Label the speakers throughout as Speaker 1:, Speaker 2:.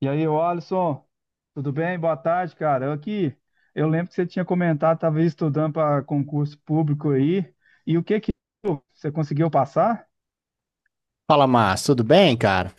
Speaker 1: E aí, ô Alisson, tudo bem? Boa tarde, cara. Eu aqui, eu lembro que você tinha comentado, estava estudando para concurso público aí. E o que que você conseguiu passar?
Speaker 2: Fala, Márcio, tudo bem, cara?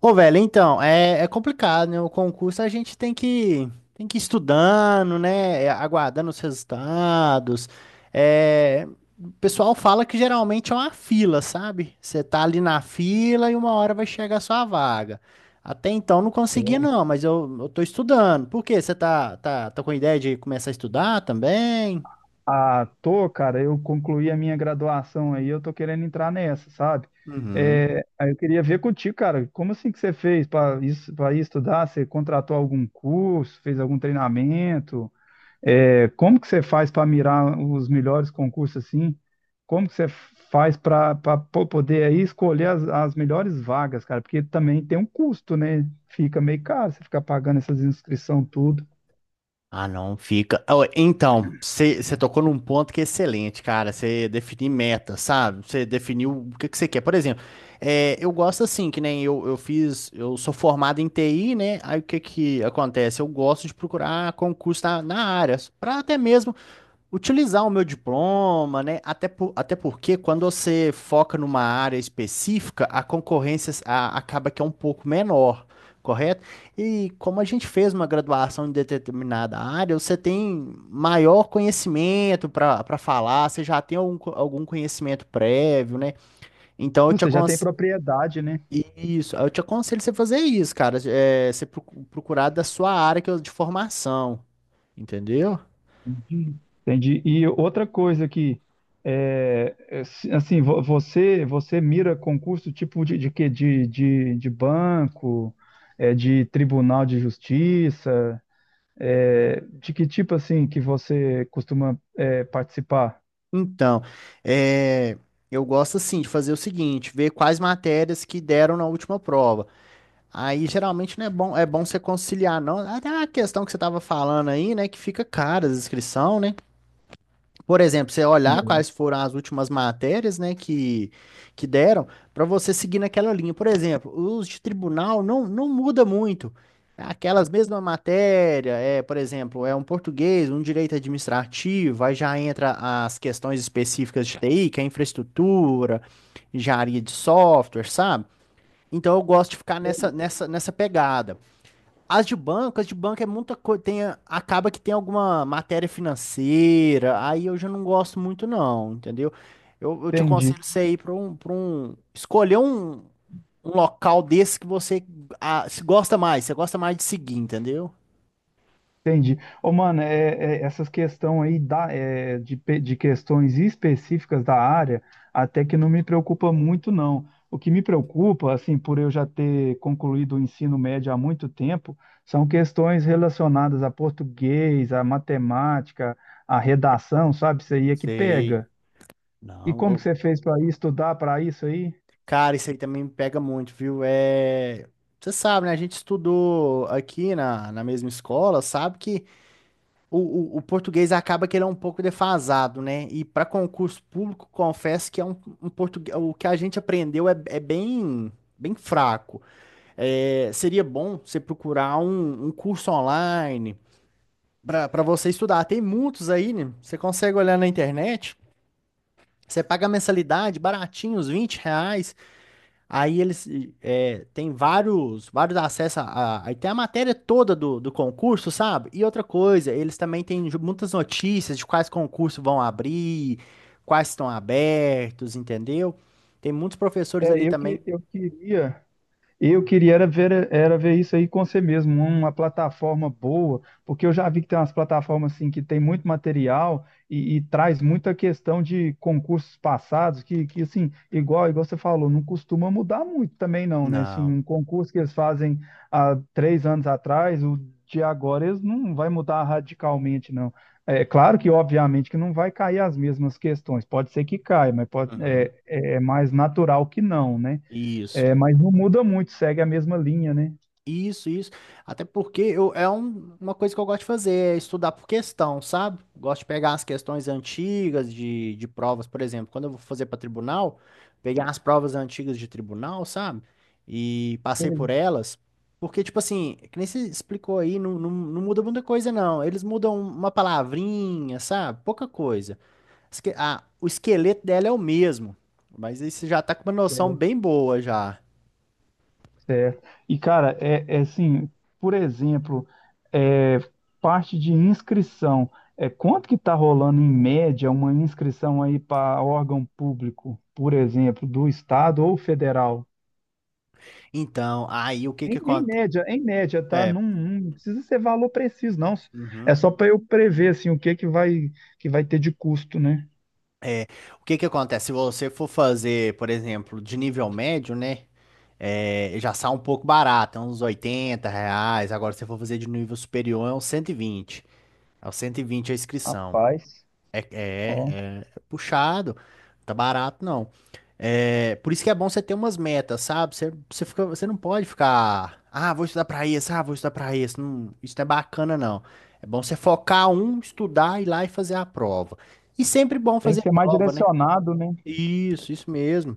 Speaker 2: Ô, velho, então, é complicado, né? O concurso a gente tem que ir estudando, né? Aguardando os resultados. É, o pessoal fala que geralmente é uma fila, sabe? Você tá ali na fila e uma hora vai chegar a sua vaga. Até então não consegui, não, mas eu tô estudando. Por quê? Você tá com ideia de começar a estudar também?
Speaker 1: Ah, tô, cara. Eu concluí a minha graduação aí, eu tô querendo entrar nessa, sabe?
Speaker 2: Uhum.
Speaker 1: Aí eu queria ver contigo, cara. Como assim que você fez para isso, para estudar? Você contratou algum curso, fez algum treinamento? É, como que você faz para mirar os melhores concursos assim? Como que você faz para poder aí escolher as melhores vagas, cara? Porque também tem um custo, né? Fica meio caro você ficar pagando essas inscrições tudo.
Speaker 2: Ah, não fica. Ó, então, você tocou num ponto que é excelente, cara. Você definir meta, sabe? Você definiu o que que você quer. Por exemplo, eu gosto assim, que nem eu, eu sou formado em TI, né? Aí o que que acontece? Eu gosto de procurar concurso na área, para até mesmo utilizar o meu diploma, né? Até porque quando você foca numa área específica, a acaba que é um pouco menor, correto? E como a gente fez uma graduação em determinada área, você tem maior conhecimento para falar, você já tem algum conhecimento prévio, né? Então eu te
Speaker 1: Você já tem
Speaker 2: aconselho.
Speaker 1: propriedade, né?
Speaker 2: Isso, eu te aconselho você fazer isso, cara. É, você procurar da sua área que é de formação, entendeu?
Speaker 1: Entendi. Entendi. E outra coisa que, você mira concurso tipo de quê? De banco, é, de tribunal de justiça. É, de que tipo assim que você costuma participar?
Speaker 2: Então, é, eu gosto assim de fazer o seguinte, ver quais matérias que deram na última prova. Aí geralmente não é bom, é bom você conciliar, não. Até a questão que você estava falando aí, né, que fica cara a inscrição, né? Por exemplo, você olhar
Speaker 1: Uhum.
Speaker 2: quais foram as últimas matérias, né, que deram, para você seguir naquela linha. Por exemplo, os de tribunal não muda muito. Aquelas mesmas matérias, é, por exemplo, é um português, um direito administrativo, aí já entra as questões específicas de TI, que é infraestrutura, engenharia de software, sabe? Então eu gosto de ficar nessa pegada. As de banco é muita coisa, acaba que tem alguma matéria financeira, aí eu já não gosto muito não, entendeu? Eu te
Speaker 1: Entendi,
Speaker 2: aconselho você ir escolher um, um local desse que você ah, se gosta mais, você gosta mais de seguir, entendeu?
Speaker 1: entendi. Ô, mano, essas questões aí da, é, de, pe- de questões específicas da área, até que não me preocupa muito, não. O que me preocupa, assim, por eu já ter concluído o ensino médio há muito tempo, são questões relacionadas a português, a matemática, a redação, sabe? Isso aí é que
Speaker 2: Sei.
Speaker 1: pega. E
Speaker 2: Não,
Speaker 1: como que
Speaker 2: eu-
Speaker 1: você fez para estudar para isso aí?
Speaker 2: cara, isso aí também me pega muito, viu? É, você sabe, né? A gente estudou aqui na mesma escola, sabe que o português acaba que ele é um pouco defasado, né? E para concurso público, confesso que é um, um português, o que a gente aprendeu é bem, bem fraco. É, seria bom você procurar um, um curso online para você estudar. Tem muitos aí, né? Você consegue olhar na internet, você paga a mensalidade baratinho, uns R$ 20. Aí eles tem vários acessos aí tem a matéria toda do concurso, sabe? E outra coisa, eles também muitas notícias de quais concursos vão abrir, quais estão abertos, entendeu? Tem muitos professores
Speaker 1: É,
Speaker 2: ali
Speaker 1: eu
Speaker 2: também.
Speaker 1: que eu queria. Eu queria era ver isso aí com você mesmo, uma plataforma boa, porque eu já vi que tem umas plataformas assim que tem muito material e traz muita questão de concursos passados, que assim, igual, igual você falou, não costuma mudar muito também não, né? Assim,
Speaker 2: Não.
Speaker 1: um concurso que eles fazem há três anos atrás, o de agora eles não vai mudar radicalmente, não. É claro que, obviamente, que não vai cair as mesmas questões, pode ser que caia, mas pode,
Speaker 2: Uhum.
Speaker 1: é mais natural que não, né?
Speaker 2: Isso.
Speaker 1: É, mas não muda muito, segue a mesma linha, né?
Speaker 2: Isso, isso. Até porque uma coisa que eu gosto de fazer, é estudar por questão, sabe? Gosto de pegar as questões antigas de provas, por exemplo, quando eu vou fazer para tribunal, pegar as provas antigas de tribunal, sabe? E passei
Speaker 1: Sei.
Speaker 2: por elas. Porque, tipo assim, que nem você explicou aí, não muda muita coisa, não. Eles mudam uma palavrinha, sabe? Pouca coisa. O esqueleto dela é o mesmo. Mas aí você já tá com uma noção
Speaker 1: É,
Speaker 2: bem boa já.
Speaker 1: certo. E, cara, é assim, por exemplo, é, parte de inscrição. É, quanto que está rolando em média uma inscrição aí para órgão público, por exemplo, do estado ou federal?
Speaker 2: Então, aí o que que
Speaker 1: Em
Speaker 2: acontece?
Speaker 1: média, em média, tá? Não, não precisa ser valor preciso, não.
Speaker 2: Uhum.
Speaker 1: É só para eu prever assim o que que vai ter de custo, né?
Speaker 2: É, o que que acontece? Se você for fazer, por exemplo, de nível médio, né? É, já sai um pouco barato, é uns R$ 80. Agora, se você for fazer de nível superior, é uns 120. É uns 120 a inscrição.
Speaker 1: Rapaz,
Speaker 2: É,
Speaker 1: ó,
Speaker 2: é, é puxado, tá barato não. É, por isso que é bom você ter umas metas, sabe? Você fica, você não pode ficar, ah, vou estudar pra isso, ah, vou estudar pra isso. Não, isso não é bacana, não. É bom você focar um, estudar, ir lá e fazer a prova. E sempre bom
Speaker 1: tem que
Speaker 2: fazer
Speaker 1: ser mais
Speaker 2: prova, né?
Speaker 1: direcionado, né?
Speaker 2: Isso mesmo.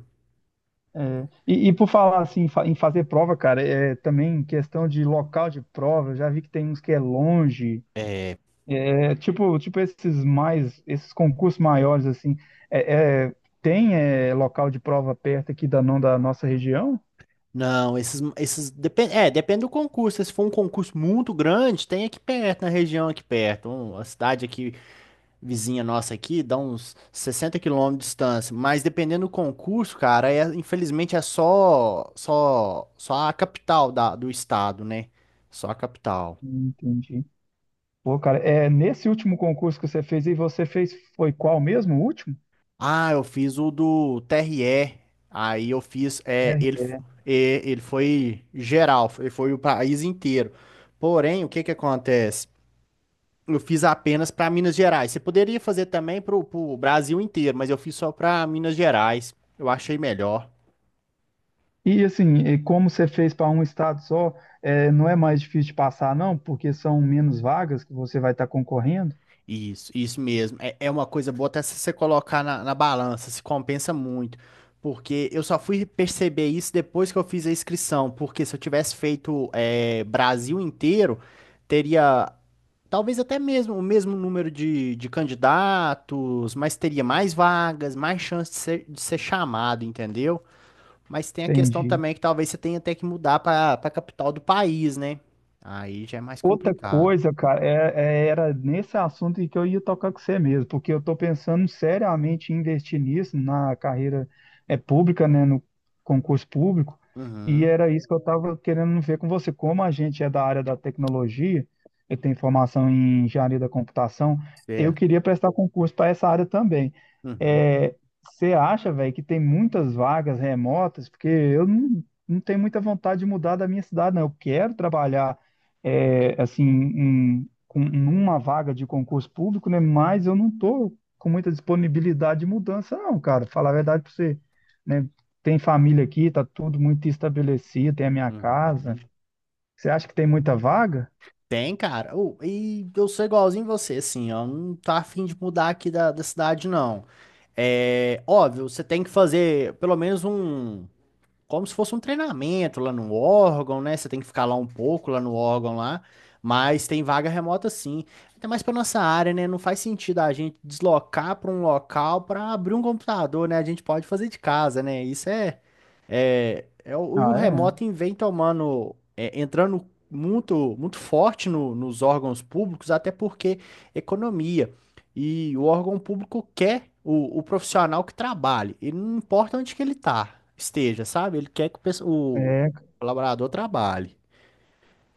Speaker 1: É, e por falar assim em em fazer prova, cara, é também questão de local de prova. Eu já vi que tem uns que é longe, é tipo, tipo esses mais, esses concursos maiores assim. É, é, tem é, local de prova perto aqui da não da nossa região?
Speaker 2: Não, esses depende, é, depende do concurso. Se for um concurso muito grande, tem aqui perto, na região aqui perto, uma cidade aqui vizinha nossa aqui, dá uns 60 quilômetros de distância, mas dependendo do concurso, cara, é, infelizmente é só a capital da, do estado, né? Só a capital.
Speaker 1: Entendi. Pô, cara, é nesse último concurso que você fez e você fez foi qual mesmo? O último?
Speaker 2: Ah, eu fiz o do TRE, aí eu fiz,
Speaker 1: É,
Speaker 2: é, ele foi geral, foi o país inteiro. Porém, o que que acontece? Eu fiz apenas para Minas Gerais. Você poderia fazer também para o Brasil inteiro, mas eu fiz só para Minas Gerais. Eu achei melhor.
Speaker 1: e assim, e como você fez para um estado só, é, não é mais difícil de passar, não, porque são menos vagas que você vai estar concorrendo.
Speaker 2: Isso mesmo. É, é uma coisa boa até se você colocar na balança, se compensa muito. Porque eu só fui perceber isso depois que eu fiz a inscrição. Porque se eu tivesse feito é, Brasil inteiro, teria talvez até mesmo o mesmo número de candidatos, mas teria mais vagas, mais chance de ser chamado, entendeu? Mas tem a questão
Speaker 1: Entendi.
Speaker 2: também que talvez você tenha até que mudar para a capital do país, né? Aí já é mais
Speaker 1: Outra
Speaker 2: complicado.
Speaker 1: coisa, cara, era nesse assunto em que eu ia tocar com você mesmo, porque eu estou pensando seriamente em investir nisso, na carreira pública, né, no concurso público, e
Speaker 2: Uhum,
Speaker 1: era isso que eu estava querendo ver com você. Como a gente é da área da tecnologia, eu tenho formação em engenharia da computação, eu
Speaker 2: certo.
Speaker 1: queria prestar concurso para essa área também.
Speaker 2: Uhum.
Speaker 1: É, você acha, velho, que tem muitas vagas remotas? Porque eu não, não tenho muita vontade de mudar da minha cidade, não. Eu quero trabalhar numa vaga de concurso público, né? Mas eu não tô com muita disponibilidade de mudança, não, cara. Falar a verdade para você, né? Tem família aqui, tá tudo muito estabelecido, tem a minha casa.
Speaker 2: Uhum.
Speaker 1: Você acha que tem muita vaga?
Speaker 2: Tem, cara. Ô, e eu sou igualzinho você, assim, ó. Não tô afim de mudar aqui da cidade, não. É óbvio, você tem que fazer pelo menos um. Como se fosse um treinamento lá no órgão, né? Você tem que ficar lá um pouco, lá no órgão lá. Mas tem vaga remota sim. Até mais pra nossa área, né? Não faz sentido a gente deslocar pra um local pra abrir um computador, né? A gente pode fazer de casa, né? Isso é. E o
Speaker 1: Ah,
Speaker 2: remoto vem tomando, é, entrando muito forte nos órgãos públicos, até porque economia. E o órgão público quer o profissional que trabalhe. Ele não importa onde que ele esteja, sabe? Ele quer que o
Speaker 1: é? É,
Speaker 2: colaborador trabalhe.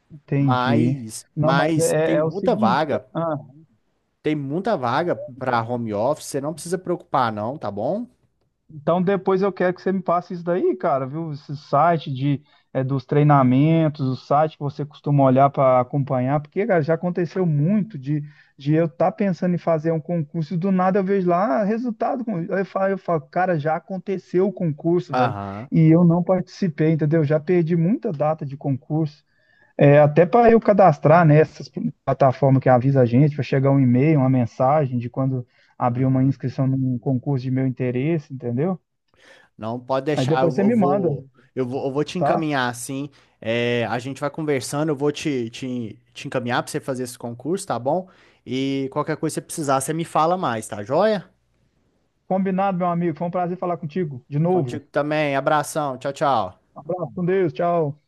Speaker 1: entendi. Não, mas
Speaker 2: Mas
Speaker 1: é o seguinte, cara.
Speaker 2: tem muita vaga para home office, você não precisa preocupar não, tá bom?
Speaker 1: Então depois eu quero que você me passe isso daí, cara, viu? Esse site de, dos treinamentos, o site que você costuma olhar para acompanhar, porque, cara, já aconteceu muito de eu estar pensando em fazer um concurso e do nada eu vejo lá ah, resultado. Com- eu falo, cara, já aconteceu o concurso, velho,
Speaker 2: Aham.
Speaker 1: e eu não participei, entendeu? Já perdi muita data de concurso. É, até para eu cadastrar nessas plataformas que avisa a gente, para chegar um e-mail, uma mensagem de quando abrir uma
Speaker 2: Uhum.
Speaker 1: inscrição num concurso de meu interesse, entendeu?
Speaker 2: Não, pode
Speaker 1: Aí
Speaker 2: deixar,
Speaker 1: depois você me manda,
Speaker 2: eu vou te
Speaker 1: tá?
Speaker 2: encaminhar assim. É, a gente vai conversando, eu vou te encaminhar para você fazer esse concurso, tá bom? E qualquer coisa que você precisar, você me fala mais, tá joia?
Speaker 1: Combinado, meu amigo. Foi um prazer falar contigo de novo.
Speaker 2: Contigo também, abração, tchau, tchau.
Speaker 1: Abraço, com Deus, tchau.